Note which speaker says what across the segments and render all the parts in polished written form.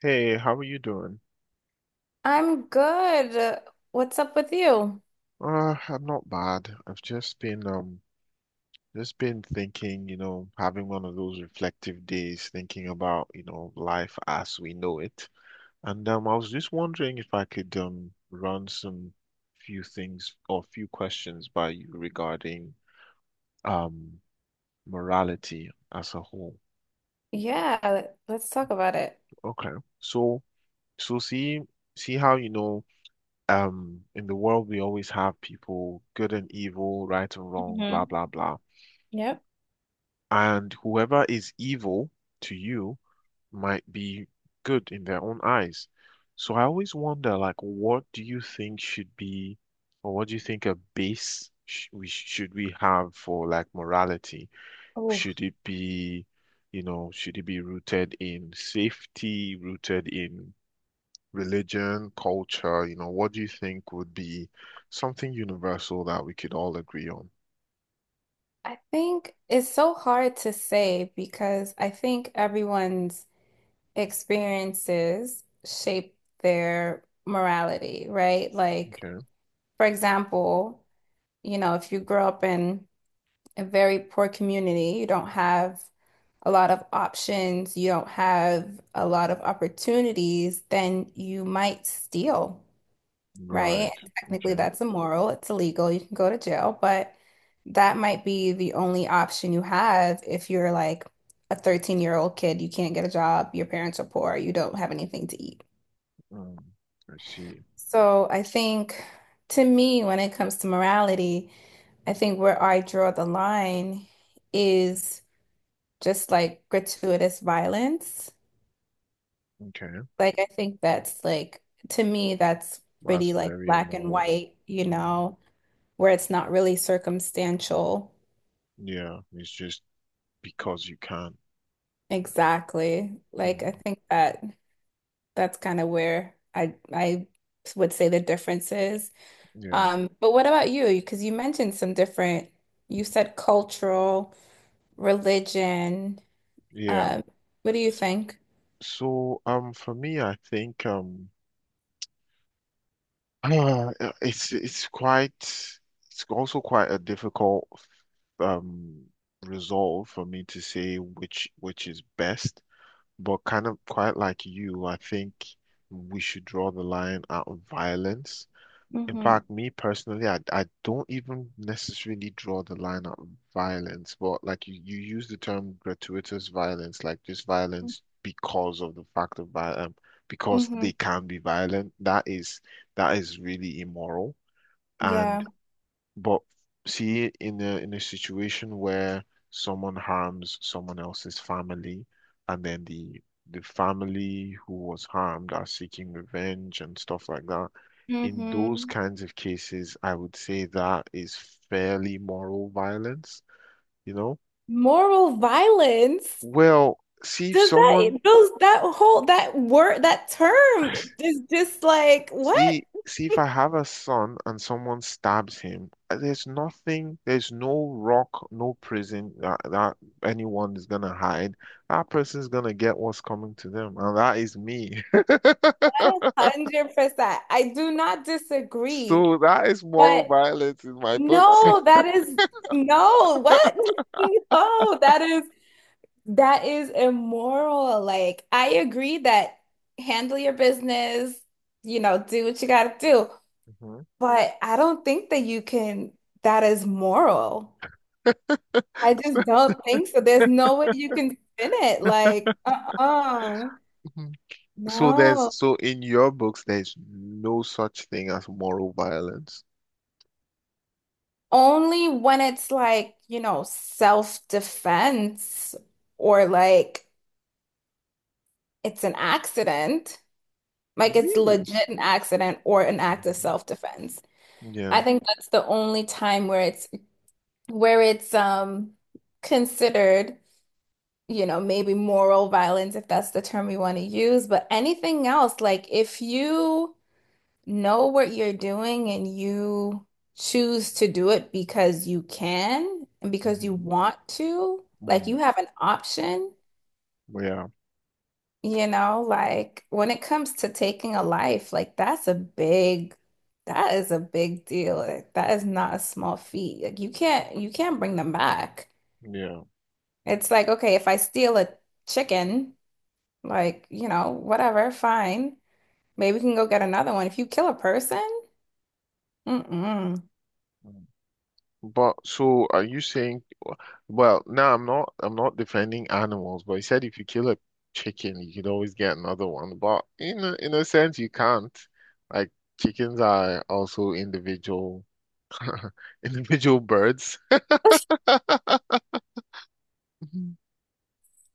Speaker 1: Hey, how are you doing?
Speaker 2: I'm good. What's up with you?
Speaker 1: I'm not bad. I've just been thinking, you know, having one of those reflective days, thinking about, you know, life as we know it. And I was just wondering if I could run some few things or few questions by you regarding um morality as a whole.
Speaker 2: Yeah, let's talk about it.
Speaker 1: Okay. So so see how you know in the world we always have people good and evil, right and wrong, blah
Speaker 2: Hmm.
Speaker 1: blah blah.
Speaker 2: Yep.
Speaker 1: And whoever is evil to you might be good in their own eyes. So I always wonder, like, what do you think should be, or what do you think a base sh we should we have for like morality?
Speaker 2: Oh,
Speaker 1: Should it be, you know, should it be rooted in safety, rooted in religion, culture? You know, what do you think would be something universal that we could all agree on?
Speaker 2: I think it's so hard to say because I think everyone's experiences shape their morality, right? Like,
Speaker 1: Okay.
Speaker 2: for example, you know, if you grow up in a very poor community, you don't have a lot of options, you don't have a lot of opportunities, then you might steal.
Speaker 1: Right.
Speaker 2: Right? Technically,
Speaker 1: Okay.
Speaker 2: that's immoral. It's illegal. You can go to jail, but that might be the only option you have if you're like a 13-year-old kid. You can't get a job. Your parents are poor. You don't have anything to eat.
Speaker 1: Mm, I see.
Speaker 2: So I think to me, when it comes to morality, I think where I draw the line is just like gratuitous violence.
Speaker 1: Okay,
Speaker 2: Like, I think that's like, to me, that's
Speaker 1: that's
Speaker 2: pretty like
Speaker 1: very
Speaker 2: black and
Speaker 1: immoral.
Speaker 2: white, you
Speaker 1: Mm,
Speaker 2: know? Where it's not really circumstantial.
Speaker 1: yeah, it's just because you can.
Speaker 2: Exactly. Like I
Speaker 1: Mm,
Speaker 2: think that that's kind of where I would say the difference is.
Speaker 1: yeah,
Speaker 2: But what about you? Because you mentioned some different, you said cultural, religion.
Speaker 1: yeah.
Speaker 2: Um, what do you think?
Speaker 1: So, for me, I think it's quite it's also quite a difficult um resolve for me to say which is best, but kind of quite like you, I think we should draw the line at violence. In
Speaker 2: Hmm.
Speaker 1: fact, me personally, I don't even necessarily draw the line at violence, but like you use the term gratuitous violence, like just violence because of the fact of violence, because
Speaker 2: Hmm.
Speaker 1: they can be violent. That is really immoral.
Speaker 2: Yeah.
Speaker 1: And but see, in a situation where someone harms someone else's family, and then the family who was harmed are seeking revenge and stuff like that, in those
Speaker 2: Hmm.
Speaker 1: kinds of cases, I would say that is fairly moral violence, you know?
Speaker 2: Moral violence.
Speaker 1: Well, see if
Speaker 2: Does that
Speaker 1: someone.
Speaker 2: those that whole that word that term is just like what?
Speaker 1: See, see if I have a son and someone stabs him, there's nothing, there's no rock, no prison that, anyone is gonna hide. That person's gonna get what's coming to them, and that is me.
Speaker 2: 100%. I do not disagree.
Speaker 1: So that is moral
Speaker 2: But
Speaker 1: violence in my books.
Speaker 2: no, that is no, what? No, that is immoral. Like I agree that handle your business, you know, do what you gotta do.
Speaker 1: Mhm.
Speaker 2: But I don't think that you can, that is moral. I
Speaker 1: So,
Speaker 2: just don't think so. There's no way you can spin it. Like, uh-uh.
Speaker 1: so there's
Speaker 2: No.
Speaker 1: so in your books, there's no such thing as moral violence.
Speaker 2: Only when it's like, you know, self-defense or like it's an accident, like it's
Speaker 1: Really?
Speaker 2: legit an accident or an act of
Speaker 1: Mhm.
Speaker 2: self-defense.
Speaker 1: Yeah.
Speaker 2: I think that's the only time where it's considered, you know, maybe moral violence, if that's the term we want to use, but anything else, like if you know what you're doing and you choose to do it because you can and because you
Speaker 1: Mhm.
Speaker 2: want to, like
Speaker 1: Mm,
Speaker 2: you have an option,
Speaker 1: yeah.
Speaker 2: you know, like when it comes to taking a life, like that's a big, that is a big deal. Like, that is not a small feat. Like, you can't bring them back.
Speaker 1: Yeah.
Speaker 2: It's like, okay, if I steal a chicken, like, you know, whatever, fine. Maybe we can go get another one. If you kill a person, mm-mm.
Speaker 1: Mm. But so are you saying, well, now I'm not defending animals, but you said if you kill a chicken, you could always get another one. But in a sense, you can't. Like chickens are also individual individual birds. Mhm.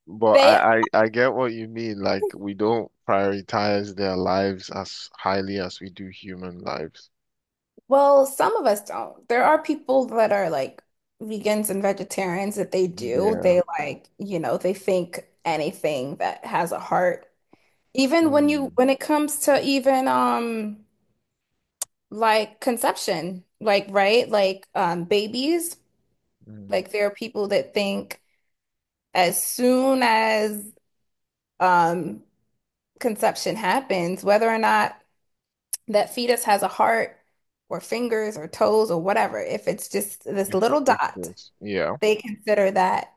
Speaker 1: But I,
Speaker 2: They,
Speaker 1: I I get what you mean. Like we don't prioritize their lives as highly as we do human lives.
Speaker 2: well, some of us don't. There are people that are like vegans and vegetarians that they do.
Speaker 1: Yeah.
Speaker 2: They, like, you know, they think anything that has a heart. Even when you, when it comes to even like conception, like right, like babies,
Speaker 1: Mm,
Speaker 2: like there are people that think as soon as um conception happens, whether or not that fetus has a heart or fingers or toes or whatever, if it's just this
Speaker 1: if
Speaker 2: little
Speaker 1: if
Speaker 2: dot,
Speaker 1: this, yeah,
Speaker 2: they consider that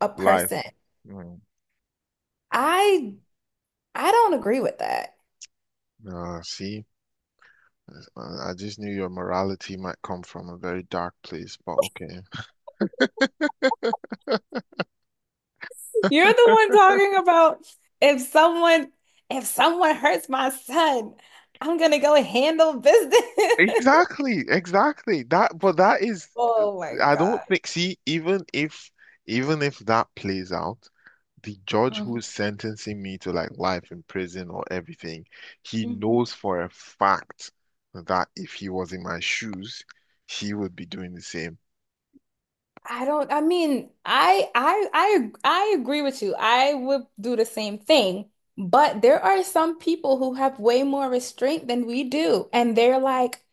Speaker 2: a
Speaker 1: life.
Speaker 2: person.
Speaker 1: Mm.
Speaker 2: I I don't agree with that.
Speaker 1: See, I just knew your morality might come from a very dark place, but okay.
Speaker 2: You're the one talking about if someone if someone hurts my son, I'm gonna go handle business.
Speaker 1: Exactly, exactly. That, but that is,
Speaker 2: Oh my
Speaker 1: I don't
Speaker 2: God.
Speaker 1: think. See, even if that plays out, the judge
Speaker 2: Mhm.
Speaker 1: who's sentencing me to like life in prison or everything, he
Speaker 2: Mhm.
Speaker 1: knows for a fact that if he was in my shoes, he would be doing the same.
Speaker 2: I don't, I mean, I agree with you. I would do the same thing. But there are some people who have way more restraint than we do. And they're like,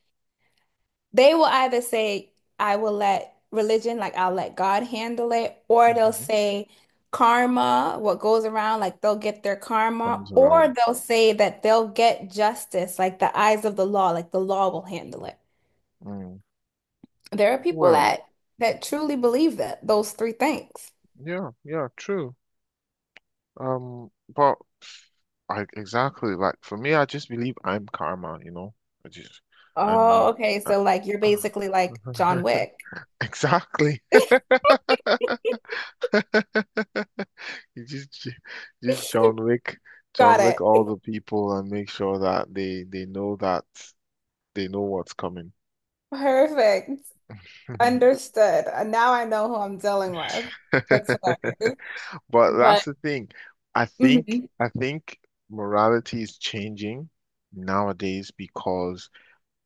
Speaker 2: they will either say, I will let religion, like I'll let God handle it, or they'll
Speaker 1: Hmm.
Speaker 2: say karma, what goes around, like they'll get their karma,
Speaker 1: Comes
Speaker 2: or
Speaker 1: around.
Speaker 2: they'll say that they'll get justice, like the eyes of the law, like the law will handle it.
Speaker 1: Mm.
Speaker 2: There are people
Speaker 1: Well,
Speaker 2: that that truly believe that those three things.
Speaker 1: yeah, yeah, true. But I exactly like for me, I just believe I'm karma, you know. I just. I'm the
Speaker 2: Oh, okay. So like you're
Speaker 1: uh,
Speaker 2: basically like John Wick.
Speaker 1: exactly. You just John Wick, John
Speaker 2: Got
Speaker 1: Wick
Speaker 2: it.
Speaker 1: all the people and make sure that they know that they know what's coming.
Speaker 2: Perfect. Understood. Now I know who I'm dealing with. That's hilarious.
Speaker 1: But that's
Speaker 2: But
Speaker 1: the thing. I think
Speaker 2: Mhm.
Speaker 1: I think morality is changing nowadays because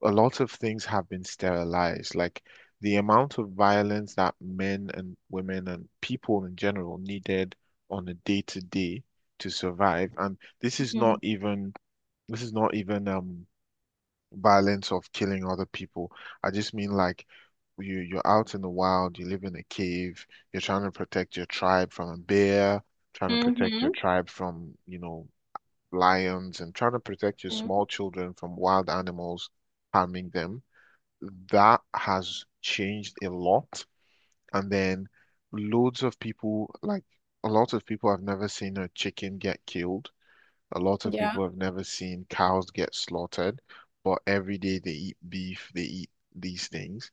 Speaker 1: a lot of things have been sterilized. Like the amount of violence that men and women and people in general needed on a day to day to survive. And this is not
Speaker 2: Mhm.
Speaker 1: even this is not even violence of killing other people. I just mean like you're out in the wild, you live in a cave, you're trying to protect your tribe from a bear, trying to protect your
Speaker 2: Mhm.
Speaker 1: tribe from, you know, lions and trying to protect your
Speaker 2: Mhm.
Speaker 1: small children from wild animals harming them. That has changed a lot. And then loads of people like a lot of people I've never seen a chicken get killed. A lot of
Speaker 2: Yeah.
Speaker 1: people have never seen cows get slaughtered, but every day they eat beef, they eat these things.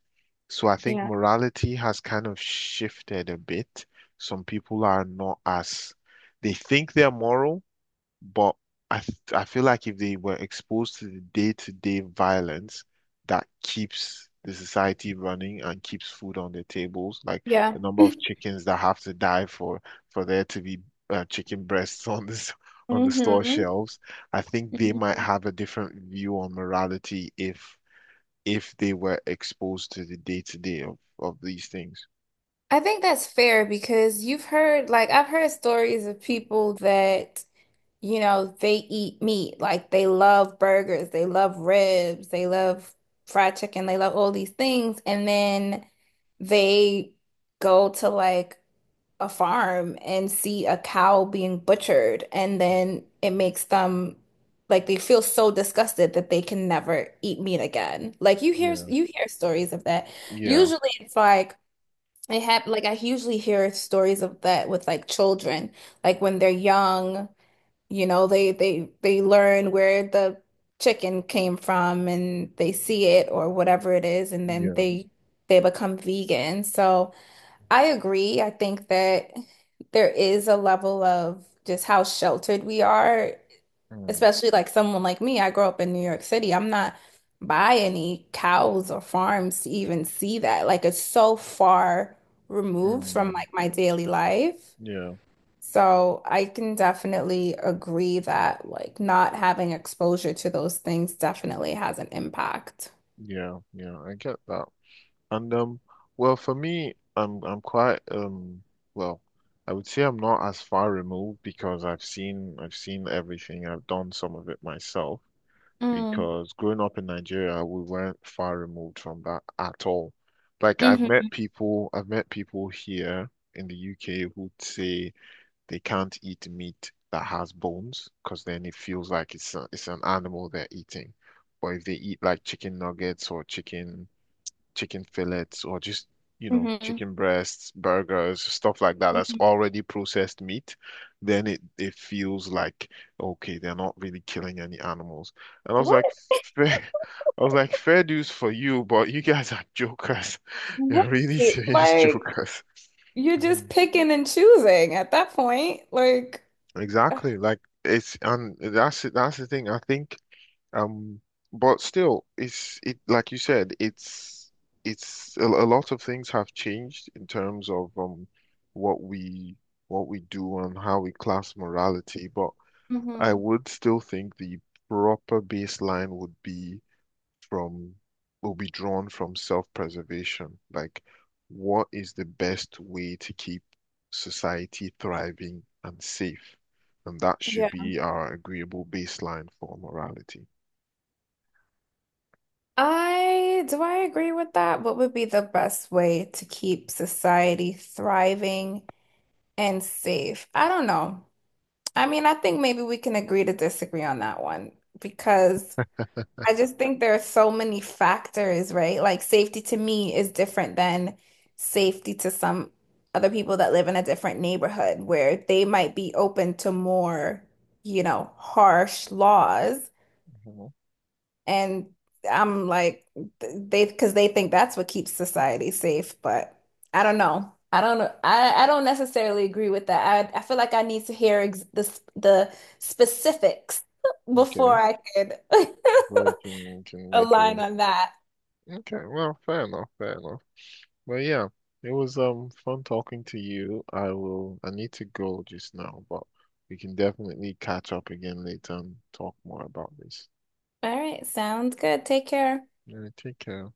Speaker 1: So I think
Speaker 2: Yeah.
Speaker 1: morality has kind of shifted a bit. Some people are not as, they think they're moral but I feel like if they were exposed to the day-to-day violence that keeps the society running and keeps food on their tables, like
Speaker 2: Yeah.
Speaker 1: the number of chickens that have to die for there to be chicken breasts on this on the store
Speaker 2: Hmm.
Speaker 1: shelves, I think they might
Speaker 2: Hmm.
Speaker 1: have a different view on morality if they were exposed to the day-to-day of these things.
Speaker 2: I think that's fair because you've heard, like I've heard stories of people that, you know, they eat meat. Like they love burgers, they love ribs, they love fried chicken, they love all these things. And then they go to like a farm and see a cow being butchered. And
Speaker 1: Mm,
Speaker 2: then it makes them like they feel so disgusted that they can never eat meat again. Like you hear,
Speaker 1: yeah,
Speaker 2: you hear stories of that.
Speaker 1: yeah,
Speaker 2: Usually it's like it hap like I usually hear stories of that with like children, like when they're young, you know, they learn where the chicken came from and they see it or whatever it is, and then
Speaker 1: yeah,
Speaker 2: they become vegan. So I agree. I think that there is a level of just how sheltered we are,
Speaker 1: mm,
Speaker 2: especially like someone like me. I grew up in New York City. I'm not by any cows or farms to even see that. Like it's so far removed from
Speaker 1: mm,
Speaker 2: like my daily life.
Speaker 1: yeah,
Speaker 2: So I can definitely agree that like not having exposure to those things definitely has an impact.
Speaker 1: yeah, yeah. I get that. And well, for me, I'm quite well, I would say I'm not as far removed because I've seen everything. I've done some of it myself
Speaker 2: Mm.
Speaker 1: because growing up in Nigeria, we weren't far removed from that at all. Like
Speaker 2: Hmm.
Speaker 1: I've met people here in the UK who say they can't eat meat that has bones because then it feels like it's a, it's an animal they're eating. Or if they eat like chicken nuggets or chicken fillets or just, you know,
Speaker 2: Hmm.
Speaker 1: chicken breasts, burgers, stuff like that that's
Speaker 2: Hmm.
Speaker 1: already processed meat, then it feels like, okay, they're not really killing any animals. And I was
Speaker 2: What?
Speaker 1: like, fair, I was like, fair dues for you, but you guys are jokers. You're really
Speaker 2: Right.
Speaker 1: serious
Speaker 2: Like,
Speaker 1: jokers.
Speaker 2: you're
Speaker 1: Mhm.
Speaker 2: just picking and choosing at that point. Like,
Speaker 1: Exactly. Like it's and that's the thing. I think. Um, but still, it like you said, it's a lot of things have changed in terms of what we what we do and how we class morality. But I
Speaker 2: hmm.
Speaker 1: would still think the proper baseline would be from will be drawn from self-preservation. Like, what is the best way to keep society thriving and safe? And that should
Speaker 2: Yeah.
Speaker 1: be our agreeable baseline for morality.
Speaker 2: I do I agree with that? What would be the best way to keep society thriving and safe? I don't know. I mean, I think maybe we can agree to disagree on that one because I just think there are so many factors, right? Like safety to me is different than safety to some other people that live in a different neighborhood where they might be open to more, you know, harsh laws.
Speaker 1: Mhm.
Speaker 2: And I'm like, they, because they think that's what keeps society safe. But I don't know. I don't know. I don't necessarily agree with that. I feel like I need to hear ex the specifics before
Speaker 1: Okay,
Speaker 2: I could
Speaker 1: well, you can make
Speaker 2: align
Speaker 1: a
Speaker 2: on that.
Speaker 1: okay. Well, fair enough, fair enough. But yeah, it was fun talking to you. I will. I need to go just now, but we can definitely catch up again later and talk more about this.
Speaker 2: All right. Sounds good. Take care.
Speaker 1: Yeah, take care.